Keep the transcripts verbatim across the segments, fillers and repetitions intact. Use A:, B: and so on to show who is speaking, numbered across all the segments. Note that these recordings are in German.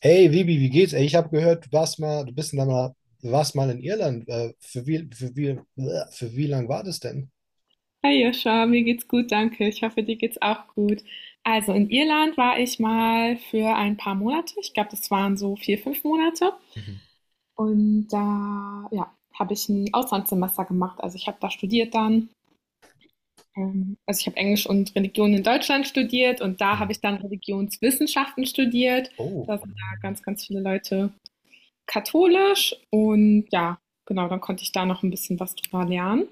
A: Hey Vivi, wie geht's? Ey, ich habe gehört, du warst mal, du bist da mal, du warst mal in Irland. Äh, für wie, für wie, äh, für wie lang war das denn?
B: Hi Joscha, mir geht's gut, danke. Ich hoffe, dir geht's auch gut. Also in Irland war ich mal für ein paar Monate. Ich glaube, das waren so vier, fünf Monate.
A: Mhm.
B: Und da, ja, habe ich ein Auslandssemester gemacht. Also ich habe da studiert dann. Ähm, Also ich habe Englisch und Religion in Deutschland studiert und da habe
A: Mhm.
B: ich dann Religionswissenschaften studiert.
A: Oh,
B: Da sind ja ganz, ganz viele Leute katholisch. Und ja, genau, dann konnte ich da noch ein bisschen was drüber lernen.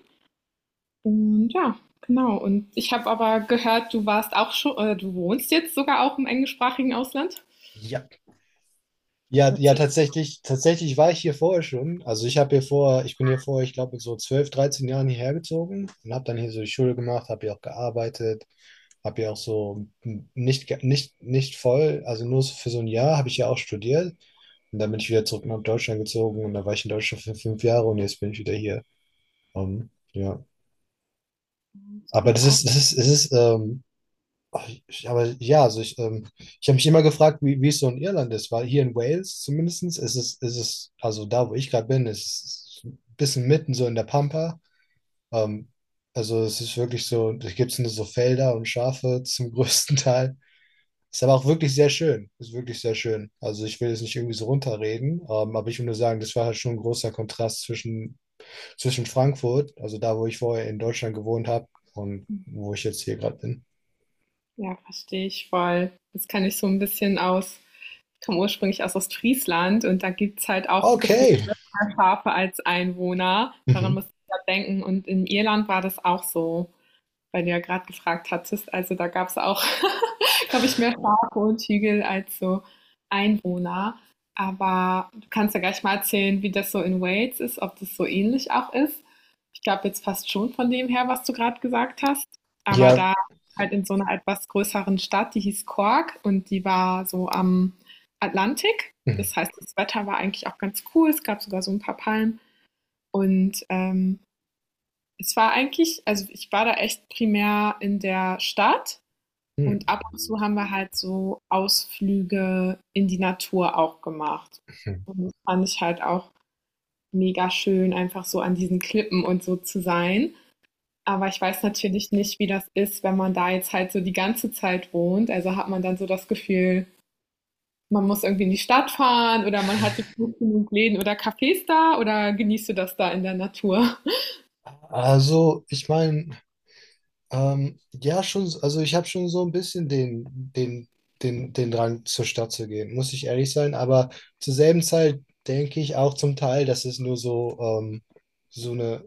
B: Und ja, genau. Und ich habe aber gehört, du warst auch schon, äh, du wohnst jetzt sogar auch im englischsprachigen Ausland.
A: ja. Ja, ja,
B: Erzähl
A: tatsächlich, tatsächlich war ich hier vorher schon. Also ich habe hier vor, ich bin hier vor, ich glaube, so zwölf, dreizehn Jahren hierher gezogen und habe dann hier so die Schule gemacht, habe hier auch gearbeitet, habe hier auch so m- nicht, ge- nicht, nicht voll, also nur so für so ein Jahr habe ich ja auch studiert. Und dann bin ich wieder zurück nach Deutschland gezogen und da war ich in Deutschland für fünf Jahre und jetzt bin ich wieder hier. Ähm, ja.
B: mal, das
A: Aber
B: klingt
A: das
B: ja auch.
A: ist, das ist, es ist, ähm, ach, ich- aber ja, also ich, ähm, ich habe mich immer gefragt, wie, wie es so in Irland ist, weil hier in Wales zumindest ist es, ist es, also da, wo ich gerade bin, ist es ein bisschen mitten so in der Pampa. Ähm, also es ist wirklich so, da gibt es nur so Felder und Schafe zum größten Teil. Ist aber auch wirklich sehr schön. Ist wirklich sehr schön. Also ich will es nicht irgendwie so runterreden, ähm, aber ich will nur sagen, das war halt schon ein großer Kontrast zwischen zwischen Frankfurt, also da, wo ich vorher in Deutschland gewohnt habe und
B: Hm,
A: wo ich jetzt hier gerade bin.
B: Ja, verstehe ich voll. Das kann ich so ein bisschen aus. Ich komme ursprünglich aus Ostfriesland und da gibt es halt auch gefühlt
A: Okay.
B: mehr Schafe als Einwohner. Daran muss
A: Mhm.
B: ich ja denken. Und in Irland war das auch so, weil du ja gerade gefragt hattest. Also da gab es auch, glaube ich, mehr Schafe und Hügel als so Einwohner. Aber du kannst ja gleich mal erzählen, wie das so in Wales ist, ob das so ähnlich auch ist. Ich glaube jetzt fast schon von dem her, was du gerade gesagt hast. Aber
A: Ja.
B: da halt in so einer etwas größeren Stadt, die hieß Cork und die war so am Atlantik.
A: Mhm.
B: Das heißt, das Wetter war eigentlich auch ganz cool. Es gab sogar so ein paar Palmen. Und ähm, es war eigentlich, also ich war da echt primär in der Stadt
A: Mhm.
B: und ab und zu haben wir halt so Ausflüge in die Natur auch gemacht.
A: Mhm.
B: Und das fand ich halt auch mega schön, einfach so an diesen Klippen und so zu sein. Aber ich weiß natürlich nicht, wie das ist, wenn man da jetzt halt so die ganze Zeit wohnt. Also hat man dann so das Gefühl, man muss irgendwie in die Stadt fahren, oder man hat jetzt nicht genug Läden oder Cafés da, oder genießt du das da in der Natur?
A: Also, ich meine, ähm, ja, schon, also ich habe schon so ein bisschen den, den, den, den Drang, zur Stadt zu gehen, muss ich ehrlich sein, aber zur selben Zeit denke ich auch zum Teil, dass es nur so, ähm, so eine,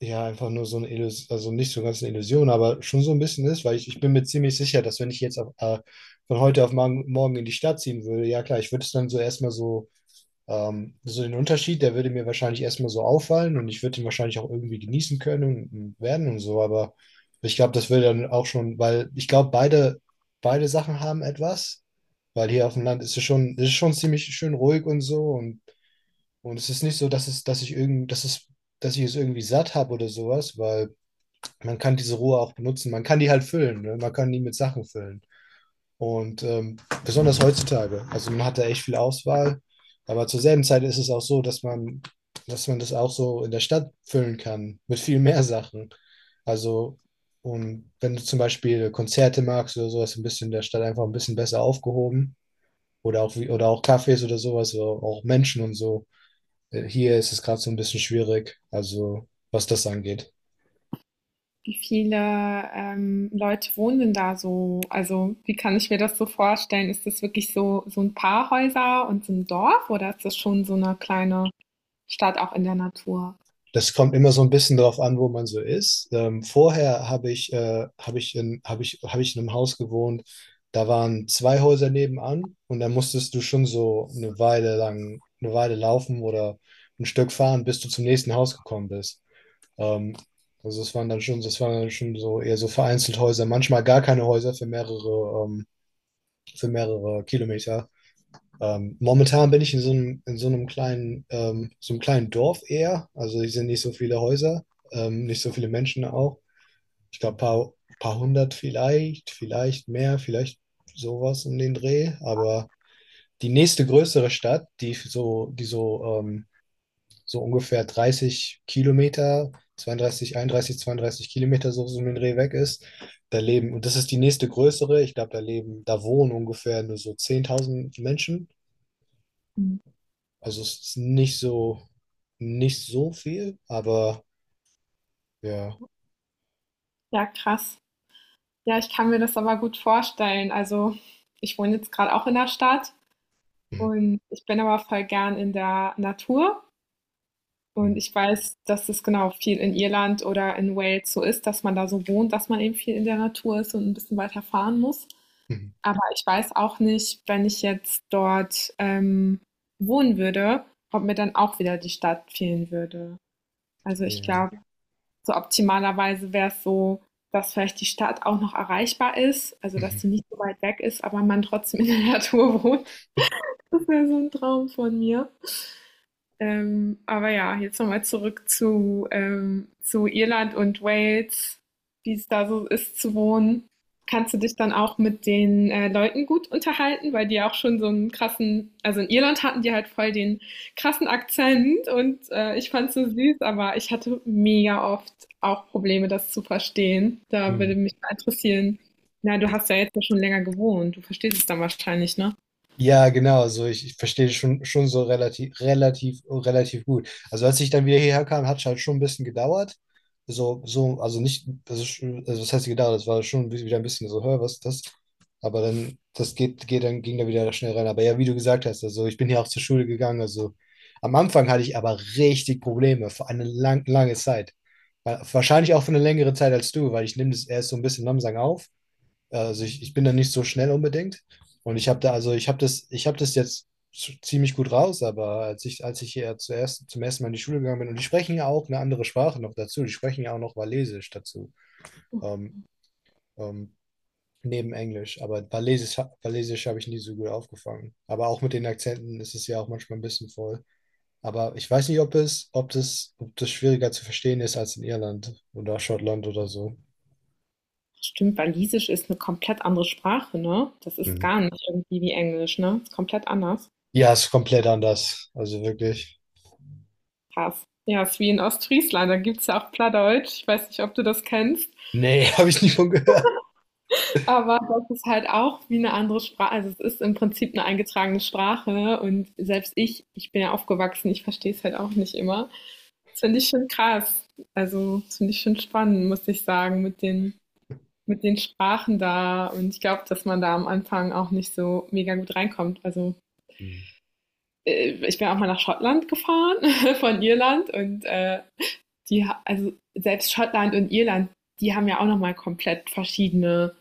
A: ja, einfach nur so eine Illusion, also nicht so ganz eine Illusion, aber schon so ein bisschen ist, weil ich, ich bin mir ziemlich sicher, dass wenn ich jetzt auf, äh, von heute auf morgen, morgen in die Stadt ziehen würde, ja klar, ich würde es dann so erstmal so, ähm, so, den Unterschied, der würde mir wahrscheinlich erstmal so auffallen und ich würde ihn wahrscheinlich auch irgendwie genießen können und, und werden und so, aber ich glaube, das würde dann auch schon, weil ich glaube, beide, beide Sachen haben etwas, weil hier auf dem Land ist es schon, ist es schon ziemlich schön ruhig und so und und es ist nicht so, dass es, dass ich irgend, dass es, dass ich es irgendwie satt habe oder sowas, weil man kann diese Rohre auch benutzen. Man kann die halt füllen, ne? Man kann die mit Sachen füllen. Und ähm, besonders heutzutage. Also man hat da echt viel Auswahl. Aber zur selben Zeit ist es auch so, dass man, dass man das auch so in der Stadt füllen kann mit viel mehr Sachen. Also, und wenn du zum Beispiel Konzerte magst oder sowas, ein bisschen in der Stadt einfach ein bisschen besser aufgehoben. Oder auch, wie- oder auch Cafés oder sowas, oder auch Menschen und so. Äh, Hier ist es gerade so ein bisschen schwierig, also was das angeht.
B: Wie viele, ähm, Leute wohnen denn da so? Also, wie kann ich mir das so vorstellen? Ist das wirklich so so ein paar Häuser und so ein Dorf, oder ist das schon so eine kleine Stadt auch in der Natur?
A: Das kommt immer so ein bisschen drauf an, wo man so ist. Ähm, vorher habe ich, äh, habe ich in, habe ich, habe ich in einem Haus gewohnt, da waren zwei Häuser nebenan und da musstest du schon so eine Weile lang, eine Weile laufen oder ein Stück fahren, bis du zum nächsten Haus gekommen bist. Ähm, also es waren dann schon, das waren dann schon so eher so vereinzelt Häuser, manchmal gar keine Häuser für mehrere, ähm, für mehrere Kilometer. Ähm, momentan bin ich in so einem, in so einem kleinen, ähm, so einem kleinen Dorf eher. Also hier sind nicht so viele Häuser, ähm, nicht so viele Menschen auch. Ich glaube, paar, paar hundert vielleicht, vielleicht, mehr, vielleicht sowas um den Dreh. Aber die nächste größere Stadt, die so, die so, ähm, so ungefähr dreißig Kilometer, zweiunddreißig, einunddreißig, zweiunddreißig Kilometer so so um den Dreh weg ist, da leben, und das ist die nächste größere, ich glaube, da leben, da wohnen ungefähr nur so zehntausend Menschen.
B: Mhm.
A: Also es ist nicht so, nicht so viel, aber ja.
B: Ja, krass. Ja, ich kann mir das aber gut vorstellen. Also, ich wohne jetzt gerade auch in der Stadt
A: Mhm.
B: und ich bin aber voll gern in der Natur und
A: Mhm.
B: ich weiß, dass es genau, viel in Irland oder in Wales so ist, dass man da so wohnt, dass man eben viel in der Natur ist und ein bisschen weiter fahren muss.
A: Mhm.
B: Aber ich weiß auch nicht, wenn ich jetzt dort ähm, wohnen würde, ob mir dann auch wieder die Stadt fehlen würde. Also ich
A: Ja.
B: glaube, so optimalerweise wäre es so, dass vielleicht die Stadt auch noch erreichbar ist, also dass
A: Mhm.
B: sie nicht so weit weg ist, aber man trotzdem in der Natur wohnt. Das wäre so ein Traum von mir. Ähm, aber ja, jetzt nochmal zurück zu, ähm, zu Irland und Wales, wie es da so ist zu wohnen. Kannst du dich dann auch mit den äh, Leuten gut unterhalten, weil die ja auch schon so einen krassen, also in Irland hatten die halt voll den krassen Akzent und äh, ich fand's so süß, aber ich hatte mega oft auch Probleme, das zu verstehen. Da würde
A: Mhm.
B: mich mal interessieren. Na, du hast ja jetzt ja schon länger gewohnt, du verstehst es dann wahrscheinlich, ne?
A: Ja, genau. Also ich, ich verstehe schon, schon so relativ, relativ, relativ gut. Also als ich dann wieder hierher kam, hat es halt schon ein bisschen gedauert. So, so, also nicht, also, sch- also das heißt gedauert, das war schon wieder ein bisschen so, hör, was ist das? Aber dann, das geht, geht dann, ging da wieder schnell rein. Aber ja, wie du gesagt hast, also ich bin hier auch zur Schule gegangen. Also am Anfang hatte ich aber richtig Probleme für eine lang, lange Zeit. Wa- Wahrscheinlich auch für eine längere Zeit als du, weil ich nehme das erst so ein bisschen langsam auf. Also ich, ich bin da nicht so schnell unbedingt. Und ich habe da, also ich habe das, ich habe das jetzt z- ziemlich gut raus, aber als ich, als ich hier zuerst zum ersten Mal in die Schule gegangen bin, und die sprechen ja auch eine andere Sprache noch dazu, die sprechen ja auch noch Walisisch dazu, ähm, ähm, neben Englisch. Aber Walisisch, ha- Walisisch habe ich nie so gut aufgefangen. Aber auch mit den Akzenten ist es ja auch manchmal ein bisschen voll. Aber ich weiß nicht, ob es, ob das, ob das schwieriger zu verstehen ist als in Irland oder Schottland oder so.
B: Stimmt, Walisisch ist eine komplett andere Sprache, ne? Das ist
A: Mhm.
B: gar nicht irgendwie wie Englisch, ne? Ist komplett anders.
A: Ja, ist komplett anders. Also wirklich.
B: Krass. Ja, ist wie in Ostfriesland, da gibt's ja auch Plattdeutsch. Ich weiß nicht, ob du das kennst,
A: Nee, habe ich nie von gehört.
B: aber das ist halt auch wie eine andere Sprache. Also, es ist im Prinzip eine eingetragene Sprache, ne? Und selbst ich ich bin ja aufgewachsen, ich verstehe es halt auch nicht immer. Das finde ich schon krass. Also, das finde ich schon spannend, muss ich sagen, mit den mit den Sprachen da, und ich glaube, dass man da am Anfang auch nicht so mega gut reinkommt. Also
A: Hm.
B: äh, ich bin auch mal nach Schottland gefahren von Irland und äh, die, also selbst Schottland und Irland, die haben ja auch nochmal komplett verschiedene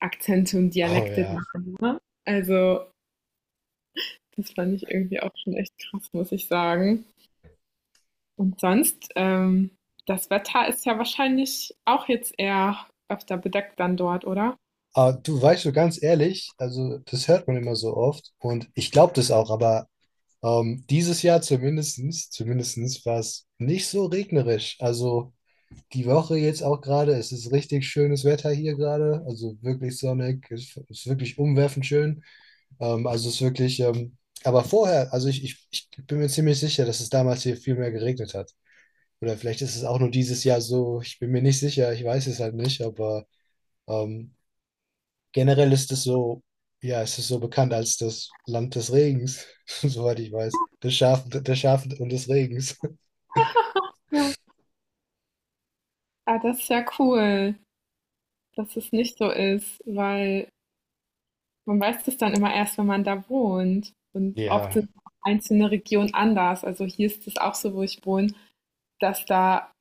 B: Akzente und
A: Oh
B: Dialekte da.
A: ja.
B: Ne? Also das fand ich irgendwie auch schon echt krass, muss ich sagen. Und sonst, ähm, das Wetter ist ja wahrscheinlich auch jetzt eher öfter bedeckt dann dort, oder?
A: Aber du weißt so ganz ehrlich, also das hört man immer so oft und ich glaube das auch, aber ähm, dieses Jahr zumindestens, zumindestens war es nicht so regnerisch. Also die Woche jetzt auch gerade, es ist richtig schönes Wetter hier gerade, also wirklich sonnig, es ist wirklich umwerfend schön. Ähm, also es ist wirklich, ähm, aber vorher, also ich, ich, ich bin mir ziemlich sicher, dass es damals hier viel mehr geregnet hat. Oder vielleicht ist es auch nur dieses Jahr so. Ich bin mir nicht sicher, ich weiß es halt nicht, aber ähm, generell ist es so, ja, es ist so bekannt als das Land des Regens, soweit ich weiß. Des Schafen, des Schafen und des Regens.
B: Ja. Ah, das ist ja cool, dass es nicht so ist, weil man weiß das dann immer erst, wenn man da wohnt. Und oft
A: Ja.
B: sind auch einzelne Regionen anders. Also hier ist es auch so, wo ich wohne, dass da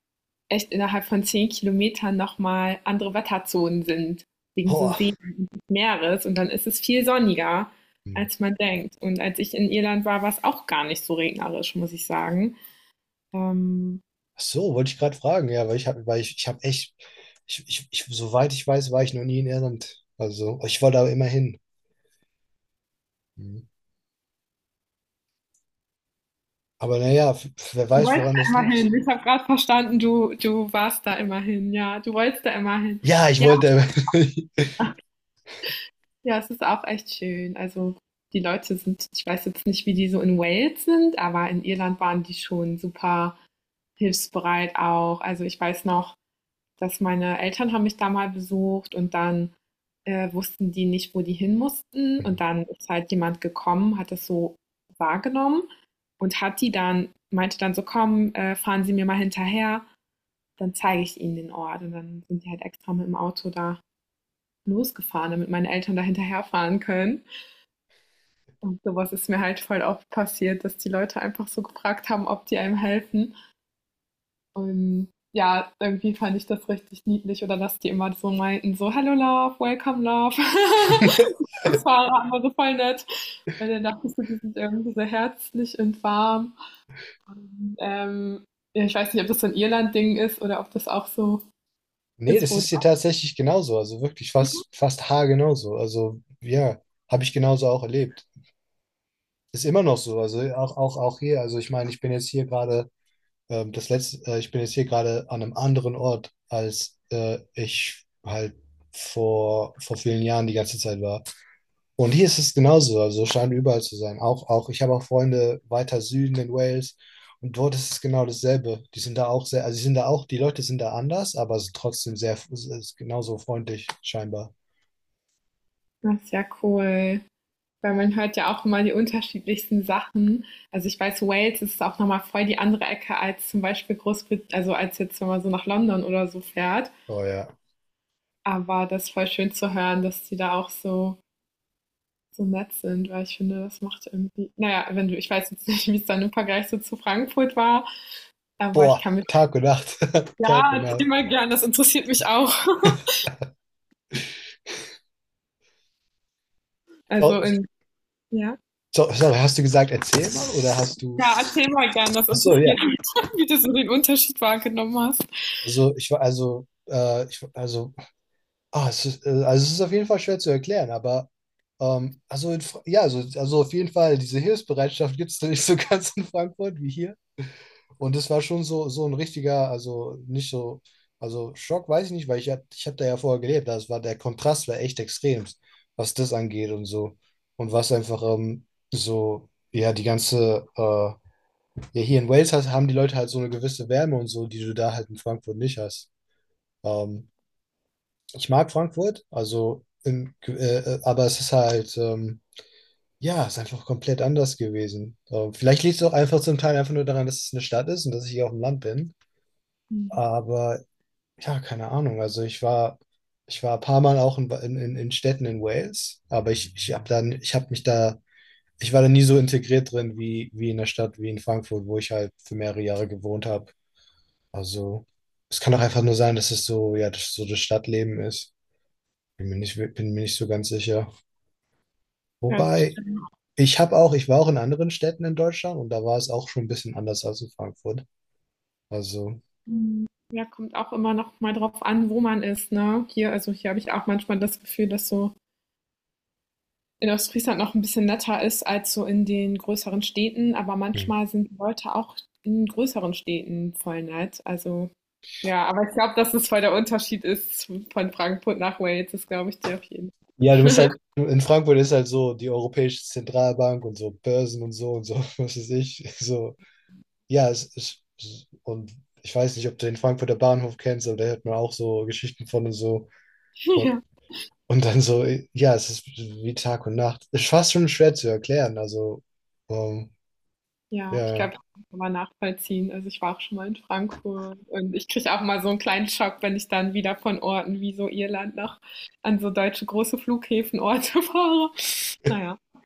B: echt innerhalb von zehn Kilometern nochmal andere Wetterzonen sind, wegen so
A: Boah.
B: See und Meeres. Und dann ist es viel sonniger,
A: Hm.
B: als man denkt. Und als ich in Irland war, war es auch gar nicht so regnerisch, muss ich sagen. Ähm,
A: Ach so, wollte ich gerade fragen, ja, weil ich habe, weil ich, ich habe echt, ich, ich, ich, soweit ich weiß, war ich noch nie in Irland. Also, ich wollte aber immer hin. Mhm. Aber naja, wer
B: du
A: weiß,
B: wolltest
A: woran
B: da
A: das
B: immer hin.
A: liegt.
B: Ich habe gerade verstanden, du du warst da immer hin. Ja, du wolltest da immer hin.
A: Ja, ich
B: Ja,
A: wollte,
B: ja, es ist auch echt schön. Also, die Leute sind, ich weiß jetzt nicht, wie die so in Wales sind, aber in Irland waren die schon super hilfsbereit auch. Also, ich weiß noch, dass meine Eltern haben mich da mal besucht, und dann, äh, wussten die nicht, wo die hin mussten, und dann ist halt jemand gekommen, hat das so wahrgenommen und hat die dann, meinte dann so: „Komm, äh, fahren Sie mir mal hinterher, dann zeige ich Ihnen den Ort.“ Und dann sind die halt extra mit dem Auto da losgefahren, damit meine Eltern da hinterherfahren können. Und sowas ist mir halt voll oft passiert, dass die Leute einfach so gefragt haben, ob die einem helfen. Und ja, irgendwie fand ich das richtig niedlich, oder dass die immer so meinten, so, hello love, welcome love. Das war aber so voll nett. Weil dann dachte ich so, die sind irgendwie so herzlich und warm. Und, ähm, ja, ich weiß nicht, ob das so ein Irland-Ding ist oder ob das auch so
A: Nee,
B: ist,
A: das
B: wo
A: ist hier tatsächlich genauso. Also wirklich fast, fast haargenau so. Also ja, habe ich genauso auch erlebt. Ist immer noch so. Also auch, auch, auch hier. Also ich meine, ich bin jetzt hier gerade, ähm, das letzte, äh, ich bin jetzt hier gerade an einem anderen Ort, als äh, ich halt vor, vor vielen Jahren die ganze Zeit war. Und hier ist es genauso, also scheint überall zu sein. Auch, auch, ich habe auch Freunde weiter Süden in Wales und dort ist es genau dasselbe. Die sind da auch sehr, also sie sind da auch, die Leute sind da anders, aber es ist trotzdem sehr, es ist genauso freundlich scheinbar.
B: das ist ja cool. Weil man hört ja auch immer die unterschiedlichsten Sachen. Also ich weiß, Wales ist auch nochmal voll die andere Ecke als zum Beispiel Großbritannien, also als jetzt, wenn man so nach London oder so fährt.
A: Oh ja.
B: Aber das ist voll schön zu hören, dass die da auch so, so nett sind, weil ich finde, das macht irgendwie, naja, wenn du, ich weiß jetzt nicht, wie es dann im Vergleich so zu Frankfurt war, aber ich
A: Boah,
B: kann mich,
A: Tag und Nacht, Tag
B: ja,
A: und
B: erzähl
A: Nacht.
B: mal gern, das interessiert mich auch.
A: So,
B: Also in, ja.
A: so, sorry, hast du gesagt, erzähl mal oder hast du?
B: Ja, erzähl mal gern, das
A: Ach so, ja.
B: interessiert mich, wie du so den Unterschied wahrgenommen hast.
A: Also ich war, also äh, ich, also Ah, es ist, äh, also es ist auf jeden Fall schwer zu erklären, aber ähm, also in, Fra- ja, also, also auf jeden Fall, diese Hilfsbereitschaft gibt es da nicht so ganz in Frankfurt wie hier. Und es war schon so, so ein richtiger, also nicht so, also, Schock weiß ich nicht, weil ich, hab- ich habe da ja vorher gelebt. Das war, der Kontrast war echt extrem, was das angeht und so. Und was einfach ähm, so, ja, die ganze, äh, ja, hier in Wales hast, haben die Leute halt so eine gewisse Wärme und so, die du da halt in Frankfurt nicht hast. Ähm, ich mag Frankfurt, also in, äh, äh, aber es ist halt, ähm, ja, es ist einfach komplett anders gewesen. Ähm, vielleicht liegt es auch einfach zum Teil einfach nur daran, dass es eine Stadt ist und dass ich hier auf dem Land bin. Aber ja, keine Ahnung. Also ich war, ich war ein paar Mal auch in, in, in in Städten in Wales, aber ich, ich habe dann, ich habe mich da, ich war da nie so integriert drin wie, wie in der Stadt, wie in Frankfurt, wo ich halt für mehrere Jahre gewohnt habe. Also es kann auch einfach nur sein, dass es so, ja, das, so das Stadtleben ist. Bin mir nicht, bin mir nicht so ganz sicher.
B: Ja, das
A: Wobei,
B: stimmt.
A: ich habe auch, ich war auch in anderen Städten in Deutschland und da war es auch schon ein bisschen anders als in Frankfurt. Also,
B: Mhm. Ja, kommt auch immer noch mal drauf an, wo man ist, ne? Hier, also hier habe ich auch manchmal das Gefühl, dass so in Ostfriesland noch ein bisschen netter ist als so in den größeren Städten, aber
A: hm.
B: manchmal sind die Leute auch in größeren Städten voll nett. Also ja, aber ich glaube, dass es voll der Unterschied ist von Frankfurt nach Wales, das glaube ich dir auf jeden
A: Ja, du bist halt, du- in Frankfurt ist halt so die Europäische Zentralbank und so Börsen und so und so, was weiß ich. So, ja, es ist, und ich weiß nicht, ob du den Frankfurter Bahnhof kennst, aber da hört man auch so Geschichten von und so.
B: Fall.
A: Und,
B: Ja.
A: und dann so, ja, es ist wie Tag und Nacht. Ist fast schon schwer zu erklären. Also, ähm,
B: Ja, ich
A: ja.
B: glaube, das kann man nachvollziehen. Also, ich war auch schon mal in Frankfurt und ich kriege auch mal so einen kleinen Schock, wenn ich dann wieder von Orten wie so Irland noch an so deutsche große Flughäfen Orte fahre. Naja, ja,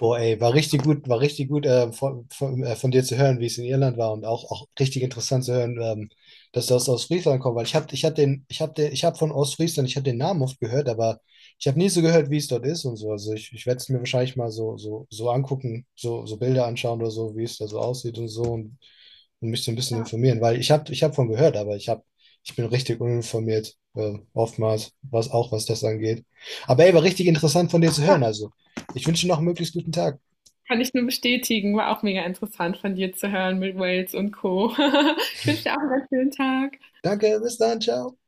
A: Boah, ey, war richtig gut, war richtig gut äh, von, von, äh, von dir zu hören, wie es in Irland war und auch, auch, richtig interessant zu hören, ähm, dass du aus Ostfriesland kommst, weil ich habe ich hab den, ich hab den, ich hab von Ostfriesland, ich habe den Namen oft gehört, aber ich habe nie so gehört, wie es dort ist und so. Also ich, ich werde es mir wahrscheinlich mal so, so, so, angucken, so, so Bilder anschauen oder so, wie es da so aussieht und so und, und mich so ein bisschen informieren, weil ich habe ich hab von gehört, aber ich hab, ich bin richtig uninformiert, äh, oftmals, was auch was das angeht. Aber ey, war richtig interessant von dir zu hören,
B: ja,
A: also. Ich wünsche Ihnen noch einen möglichst guten Tag.
B: kann ich nur bestätigen. War auch mega interessant von dir zu hören mit Wales und Co. Ich wünsche dir auch einen ganz schönen Tag.
A: Danke, bis dann, ciao.